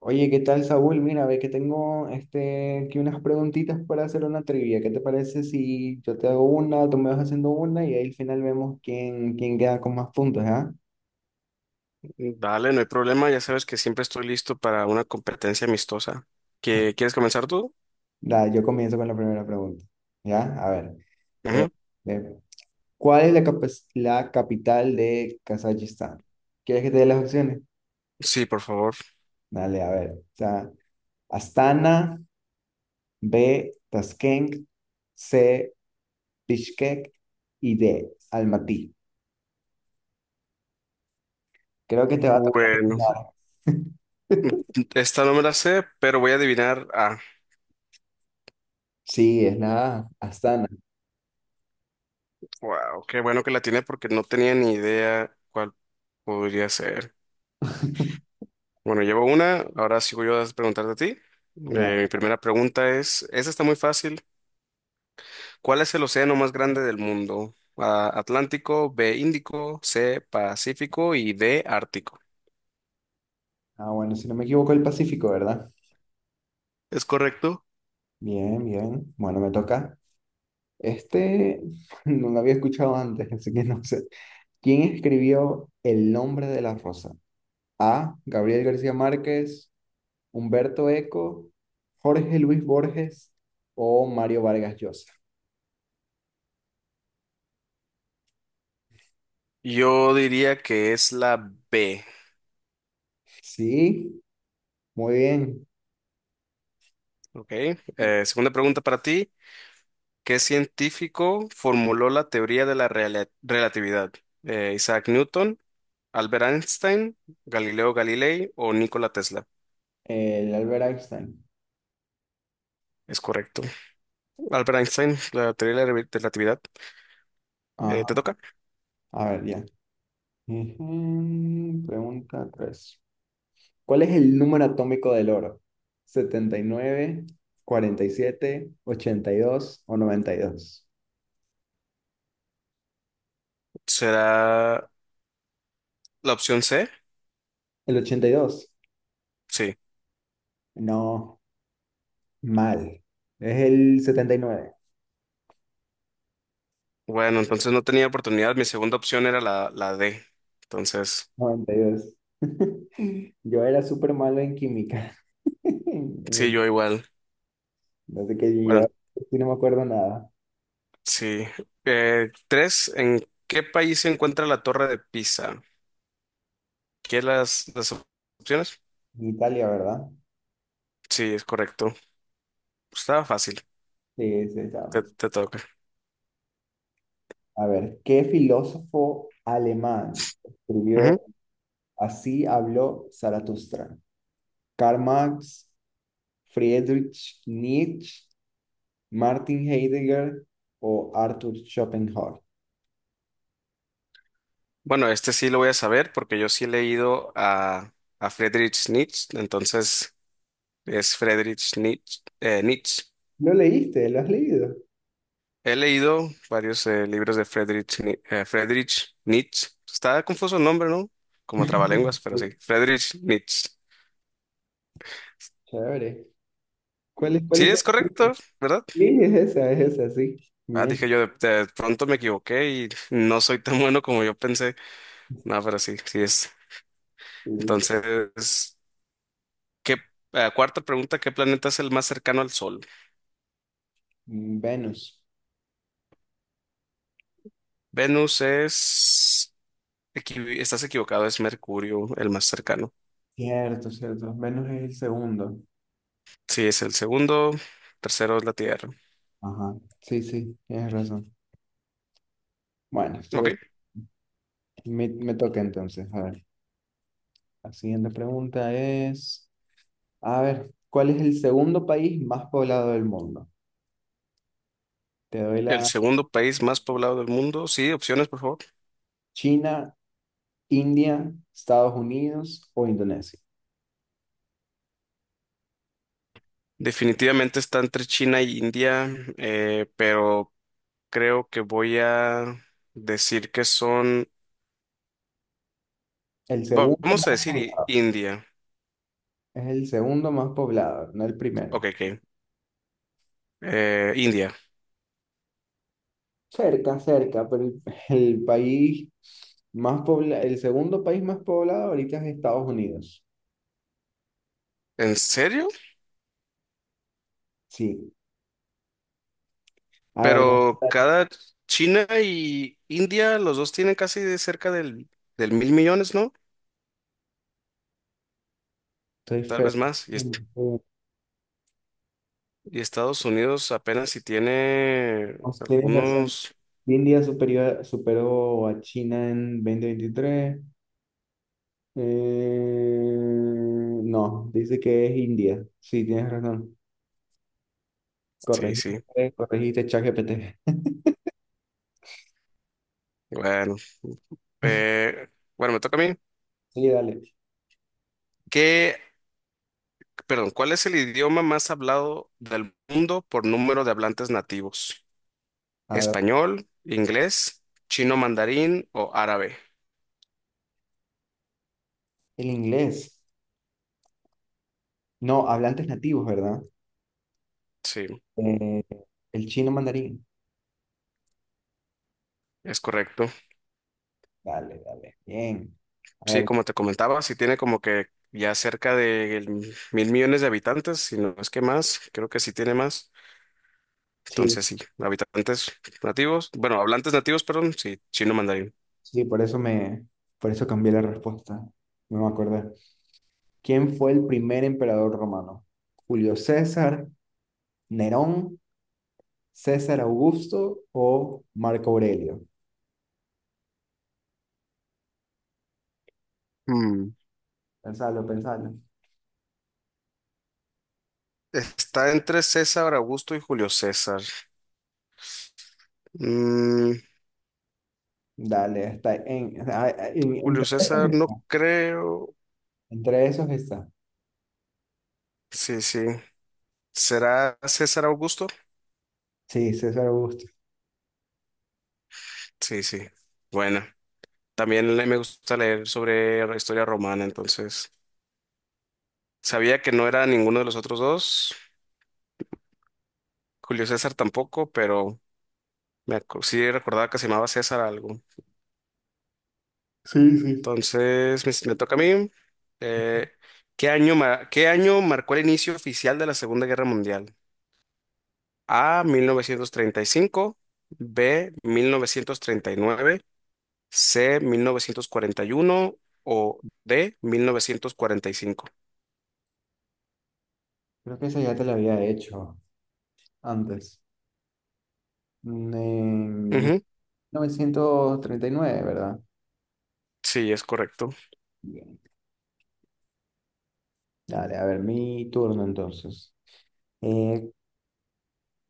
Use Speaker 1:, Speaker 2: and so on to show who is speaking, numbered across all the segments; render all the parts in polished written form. Speaker 1: Oye, ¿qué tal, Saúl? Mira, ve que tengo este, aquí unas preguntitas para hacer una trivia. ¿Qué te parece si yo te hago una, tú me vas haciendo una y ahí al final vemos quién queda con más puntos, ¿ya?
Speaker 2: Dale, no hay problema, ya sabes que siempre estoy listo para una competencia amistosa. ¿ Quieres comenzar tú?
Speaker 1: Yo comienzo con la primera pregunta, ¿ya? A ver, eh,
Speaker 2: Ujú.
Speaker 1: eh, ¿cuál es la capital de Kazajistán? ¿Quieres que te dé las opciones?
Speaker 2: Sí, por favor.
Speaker 1: Dale, a ver. O sea, Astana, B, Tashkent, C, Bishkek y D, Almaty. Creo que te va a tocar.
Speaker 2: Bueno, esta no me la sé, pero voy a adivinar. Ah,
Speaker 1: Sí, es la Astana.
Speaker 2: wow, qué bueno que la tiene porque no tenía ni idea cuál podría ser. Bueno, llevo una, ahora sigo yo a preguntarte a ti.
Speaker 1: Ya.
Speaker 2: Mi primera pregunta es, esta está muy fácil. ¿Cuál es el océano más grande del mundo? A, Atlántico, B, Índico, C, Pacífico y D, Ártico.
Speaker 1: Ah, bueno, si no me equivoco, el Pacífico, ¿verdad?
Speaker 2: ¿Es correcto?
Speaker 1: Bien, bien. Bueno, me toca. Este no lo había escuchado antes, así que no sé. ¿Quién escribió El nombre de la rosa? A, Gabriel García Márquez, Humberto Eco, Jorge Luis Borges o Mario Vargas Llosa.
Speaker 2: Yo diría que es la B.
Speaker 1: Sí, muy bien.
Speaker 2: Ok. Segunda pregunta para ti. ¿Qué científico formuló la teoría de la relatividad? Isaac Newton, Albert Einstein, Galileo Galilei o Nikola Tesla.
Speaker 1: El Albert Einstein.
Speaker 2: Es correcto. Albert Einstein, la teoría de la relatividad. ¿Te
Speaker 1: Ajá.
Speaker 2: toca?
Speaker 1: A ver, ya. Ujú. Pregunta 3. ¿Cuál es el número atómico del oro? Setenta y nueve, 47, 82 o 92.
Speaker 2: ¿Será la opción C?
Speaker 1: ¿El 82?
Speaker 2: Sí.
Speaker 1: No, mal. Es el 79,
Speaker 2: Bueno, entonces no tenía oportunidad. Mi segunda opción era la D. Entonces,
Speaker 1: 92. Yo era súper malo en química.
Speaker 2: sí, yo igual.
Speaker 1: No sé qué yo,
Speaker 2: Bueno,
Speaker 1: sí no me acuerdo nada.
Speaker 2: sí. Tres, ¿en qué país se encuentra la Torre de Pisa? ¿Qué las opciones?
Speaker 1: En Italia, ¿verdad?
Speaker 2: Sí, es correcto. Estaba fácil.
Speaker 1: Sí, sí, estaba
Speaker 2: Te,
Speaker 1: fácil.
Speaker 2: te toca.
Speaker 1: A ver, ¿qué filósofo alemán
Speaker 2: Ujú.
Speaker 1: escribió Así habló Zaratustra? Karl Marx, Friedrich Nietzsche, Martin Heidegger o Arthur Schopenhauer.
Speaker 2: Bueno, este sí lo voy a saber porque yo sí he leído a Friedrich Nietzsche, entonces es Friedrich Nietzsche. Nietzsche.
Speaker 1: ¿Lo leíste? ¿Lo has leído?
Speaker 2: He leído varios libros de Friedrich, Ni- Friedrich Nietzsche. Está confuso el nombre, ¿no? Como trabalenguas, pero sí. Friedrich Nietzsche.
Speaker 1: Chévere. ¿Cuál es, cuál
Speaker 2: Sí,
Speaker 1: es
Speaker 2: es
Speaker 1: tu-
Speaker 2: correcto, ¿verdad?
Speaker 1: Sí, es esa, sí.
Speaker 2: Ah, dije
Speaker 1: Bien.
Speaker 2: yo, de pronto me equivoqué y no soy tan bueno como yo pensé. No, pero sí, sí es.
Speaker 1: Sí, sí.
Speaker 2: Entonces, ¿qué, cuarta pregunta, ¿qué planeta es el más cercano al Sol?
Speaker 1: Venus.
Speaker 2: Venus es. Estás equivocado, es Mercurio el más cercano.
Speaker 1: Cierto, cierto. Venus es el segundo.
Speaker 2: Sí, es el segundo, tercero es la Tierra.
Speaker 1: Ajá. Sí, sí, tienes razón. Bueno,
Speaker 2: Ok,
Speaker 1: estuve, me toca entonces. A ver, la siguiente pregunta es, a ver, ¿cuál es el segundo país más poblado del mundo? Te doy
Speaker 2: el
Speaker 1: la
Speaker 2: segundo país más poblado del mundo. Sí, opciones, por favor.
Speaker 1: China, India, Estados Unidos o Indonesia.
Speaker 2: Definitivamente está entre China y India, pero creo que voy a decir que son.
Speaker 1: El segundo
Speaker 2: Vamos a
Speaker 1: más
Speaker 2: decir
Speaker 1: poblado,
Speaker 2: India.
Speaker 1: es el segundo más poblado, no el primero.
Speaker 2: Ok, ok. India.
Speaker 1: Cerca, cerca, pero el país el segundo país más poblado ahorita es Estados Unidos.
Speaker 2: ¿En serio?
Speaker 1: Sí. A ver,
Speaker 2: Pero cada China y India, los dos tienen casi de cerca del mil millones, ¿no?
Speaker 1: estoy
Speaker 2: Tal
Speaker 1: feo.
Speaker 2: vez más. Y, est-
Speaker 1: Oh,
Speaker 2: y Estados Unidos apenas si tiene
Speaker 1: tienes razón.
Speaker 2: algunos.
Speaker 1: India superior, superó a China en 2023. No, dice que es India. Sí, tienes razón.
Speaker 2: Sí, sí.
Speaker 1: Corregiste, corregiste, ChatGPT.
Speaker 2: Bueno, eh, bueno, me toca a mí.
Speaker 1: Sí, dale.
Speaker 2: ¿Qué, perdón, cuál es el idioma más hablado del mundo por número de hablantes nativos?
Speaker 1: A ver,
Speaker 2: ¿Español, inglés, chino mandarín o árabe?
Speaker 1: el inglés. No, hablantes nativos, ¿verdad?
Speaker 2: Sí.
Speaker 1: Eh, el chino mandarín.
Speaker 2: Es correcto.
Speaker 1: Dale, dale. Bien. A
Speaker 2: Sí,
Speaker 1: ver,
Speaker 2: como te comentaba, sí tiene como que ya cerca de mil millones de habitantes, si no es que más, creo que sí tiene más.
Speaker 1: sí,
Speaker 2: Entonces, sí, habitantes nativos, bueno, hablantes nativos, perdón, sí, chino mandarín.
Speaker 1: sí, por eso cambié la respuesta. No me acordé. ¿Quién fue el primer emperador romano? ¿Julio César, Nerón, César Augusto o Marco Aurelio?
Speaker 2: Mm,
Speaker 1: Pensalo, pensalo.
Speaker 2: Está entre César Augusto y Julio César. Mm,
Speaker 1: Dale, está en, a- a- en-
Speaker 2: Julio
Speaker 1: entre,
Speaker 2: César, no creo.
Speaker 1: entre esos está.
Speaker 2: Sí, sí. ¿Será César Augusto?
Speaker 1: Sí, César Augusto.
Speaker 2: Sí, sí. Bueno, también me gusta leer sobre la historia romana, entonces. Sabía que no era ninguno de los otros dos, Julio César tampoco, pero sí recordaba que se llamaba César algo.
Speaker 1: Sí, sí.
Speaker 2: Entonces, me toca a mí. Eh, ¿qué año marcó el inicio oficial de la Segunda Guerra Mundial? A, 1935, B, 1939, C, 1941 o D, 1945.
Speaker 1: Creo que esa ya te la había hecho. Antes. Mm. En mil
Speaker 2: Ujú.
Speaker 1: novecientos treinta y nueve, ¿verdad?
Speaker 2: Sí, es correcto.
Speaker 1: Bien. Dale, a ver, mi turno entonces. Eh,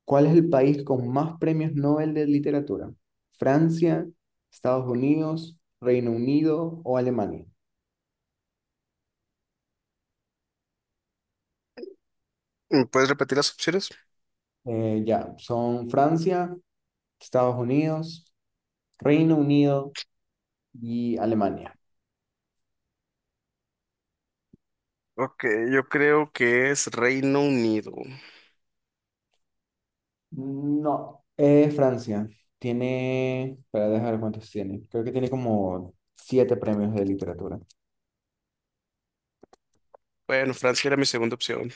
Speaker 1: ¿Cuál es el país con más premios Nobel de literatura? ¿Francia, Estados Unidos, Reino Unido o Alemania?
Speaker 2: ¿Me ¿Puedes repetir las opciones?
Speaker 1: Ya, son Francia, Estados Unidos, Reino Unido y Alemania.
Speaker 2: Ok, yo creo que es Reino Unido.
Speaker 1: No, es Francia. Tiene, para dejar cuántos tiene. Creo que tiene como siete premios de literatura.
Speaker 2: Bueno, Francia era mi segunda opción.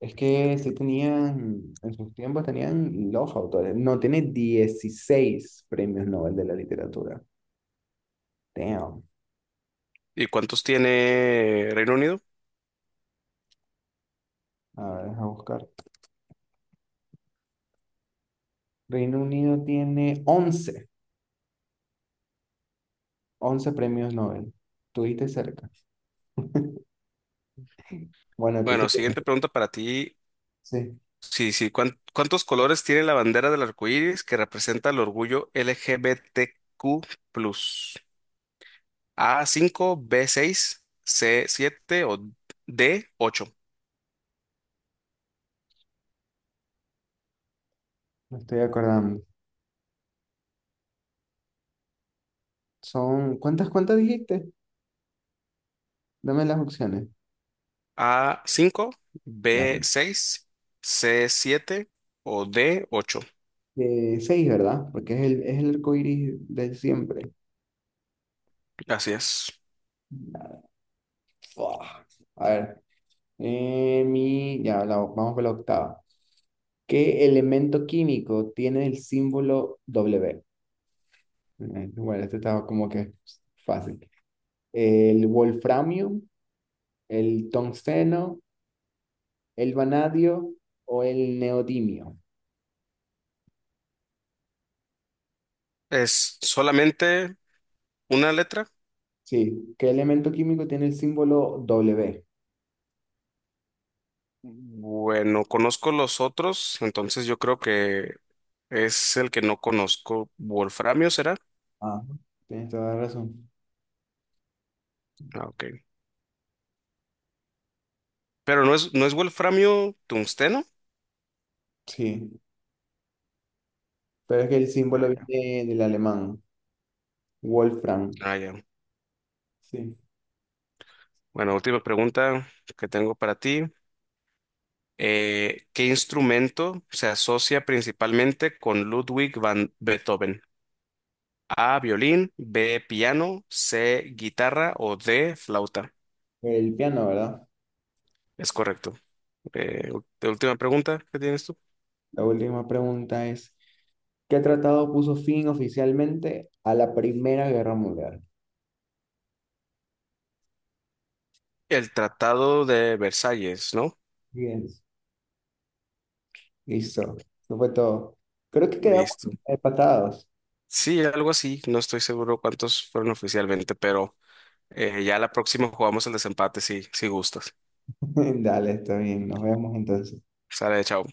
Speaker 1: Es que sí tenían, en sus tiempos tenían los autores. No, tiene 16 premios Nobel de la literatura. Damn.
Speaker 2: ¿Y cuántos tiene Reino Unido?
Speaker 1: A ver, deja buscar. Reino Unido tiene once premios Nobel. Tuviste cerca. Bueno, tú
Speaker 2: Bueno, siguiente
Speaker 1: tuviste.
Speaker 2: pregunta para ti.
Speaker 1: Sí,
Speaker 2: Sí, sí, ¿cuántos colores tiene la bandera del arco iris que representa el orgullo LGBTQ+? A cinco, b seis, c siete o d ocho.
Speaker 1: me estoy acordando. Son, ¿cuántas dijiste? Dame las opciones.
Speaker 2: A cinco,
Speaker 1: Ya.
Speaker 2: b seis, c siete o d ocho.
Speaker 1: Seis, ¿verdad? Porque es el arco iris de siempre.
Speaker 2: Así es.
Speaker 1: Fua. A ver, mi, ya, vamos con la octava. ¿Qué elemento químico tiene el símbolo W? Bueno, este estaba como que fácil. ¿El wolframio, el tungsteno, el vanadio o el neodimio?
Speaker 2: Es solamente una letra.
Speaker 1: Sí, ¿qué elemento químico tiene el símbolo W?
Speaker 2: Bueno, conozco los otros, entonces yo creo que es el que no conozco. ¿Wolframio será?
Speaker 1: Ah, tienes toda la razón.
Speaker 2: Ah, ok. Pero no es wolframio tungsteno.
Speaker 1: Sí, pero es que el
Speaker 2: Ah,
Speaker 1: símbolo
Speaker 2: ya.
Speaker 1: viene del alemán, Wolfram.
Speaker 2: Ah, ya.
Speaker 1: Sí,
Speaker 2: Bueno, última pregunta que tengo para ti. ¿Qué instrumento se asocia principalmente con Ludwig van Beethoven? A, violín, B, piano, C, guitarra o D, flauta.
Speaker 1: el piano, ¿verdad?
Speaker 2: Es correcto. Última pregunta que tienes tú.
Speaker 1: La última pregunta es, ¿qué tratado puso fin oficialmente a la Primera Guerra Mundial?
Speaker 2: El Tratado de Versalles, ¿no?
Speaker 1: Bien, listo. Eso fue todo. Creo que quedamos
Speaker 2: Listo.
Speaker 1: empatados.
Speaker 2: Sí, algo así. No estoy seguro cuántos fueron oficialmente, pero ya la próxima jugamos el desempate si gustas.
Speaker 1: Dale, está bien. Nos vemos entonces.
Speaker 2: Sale, chao.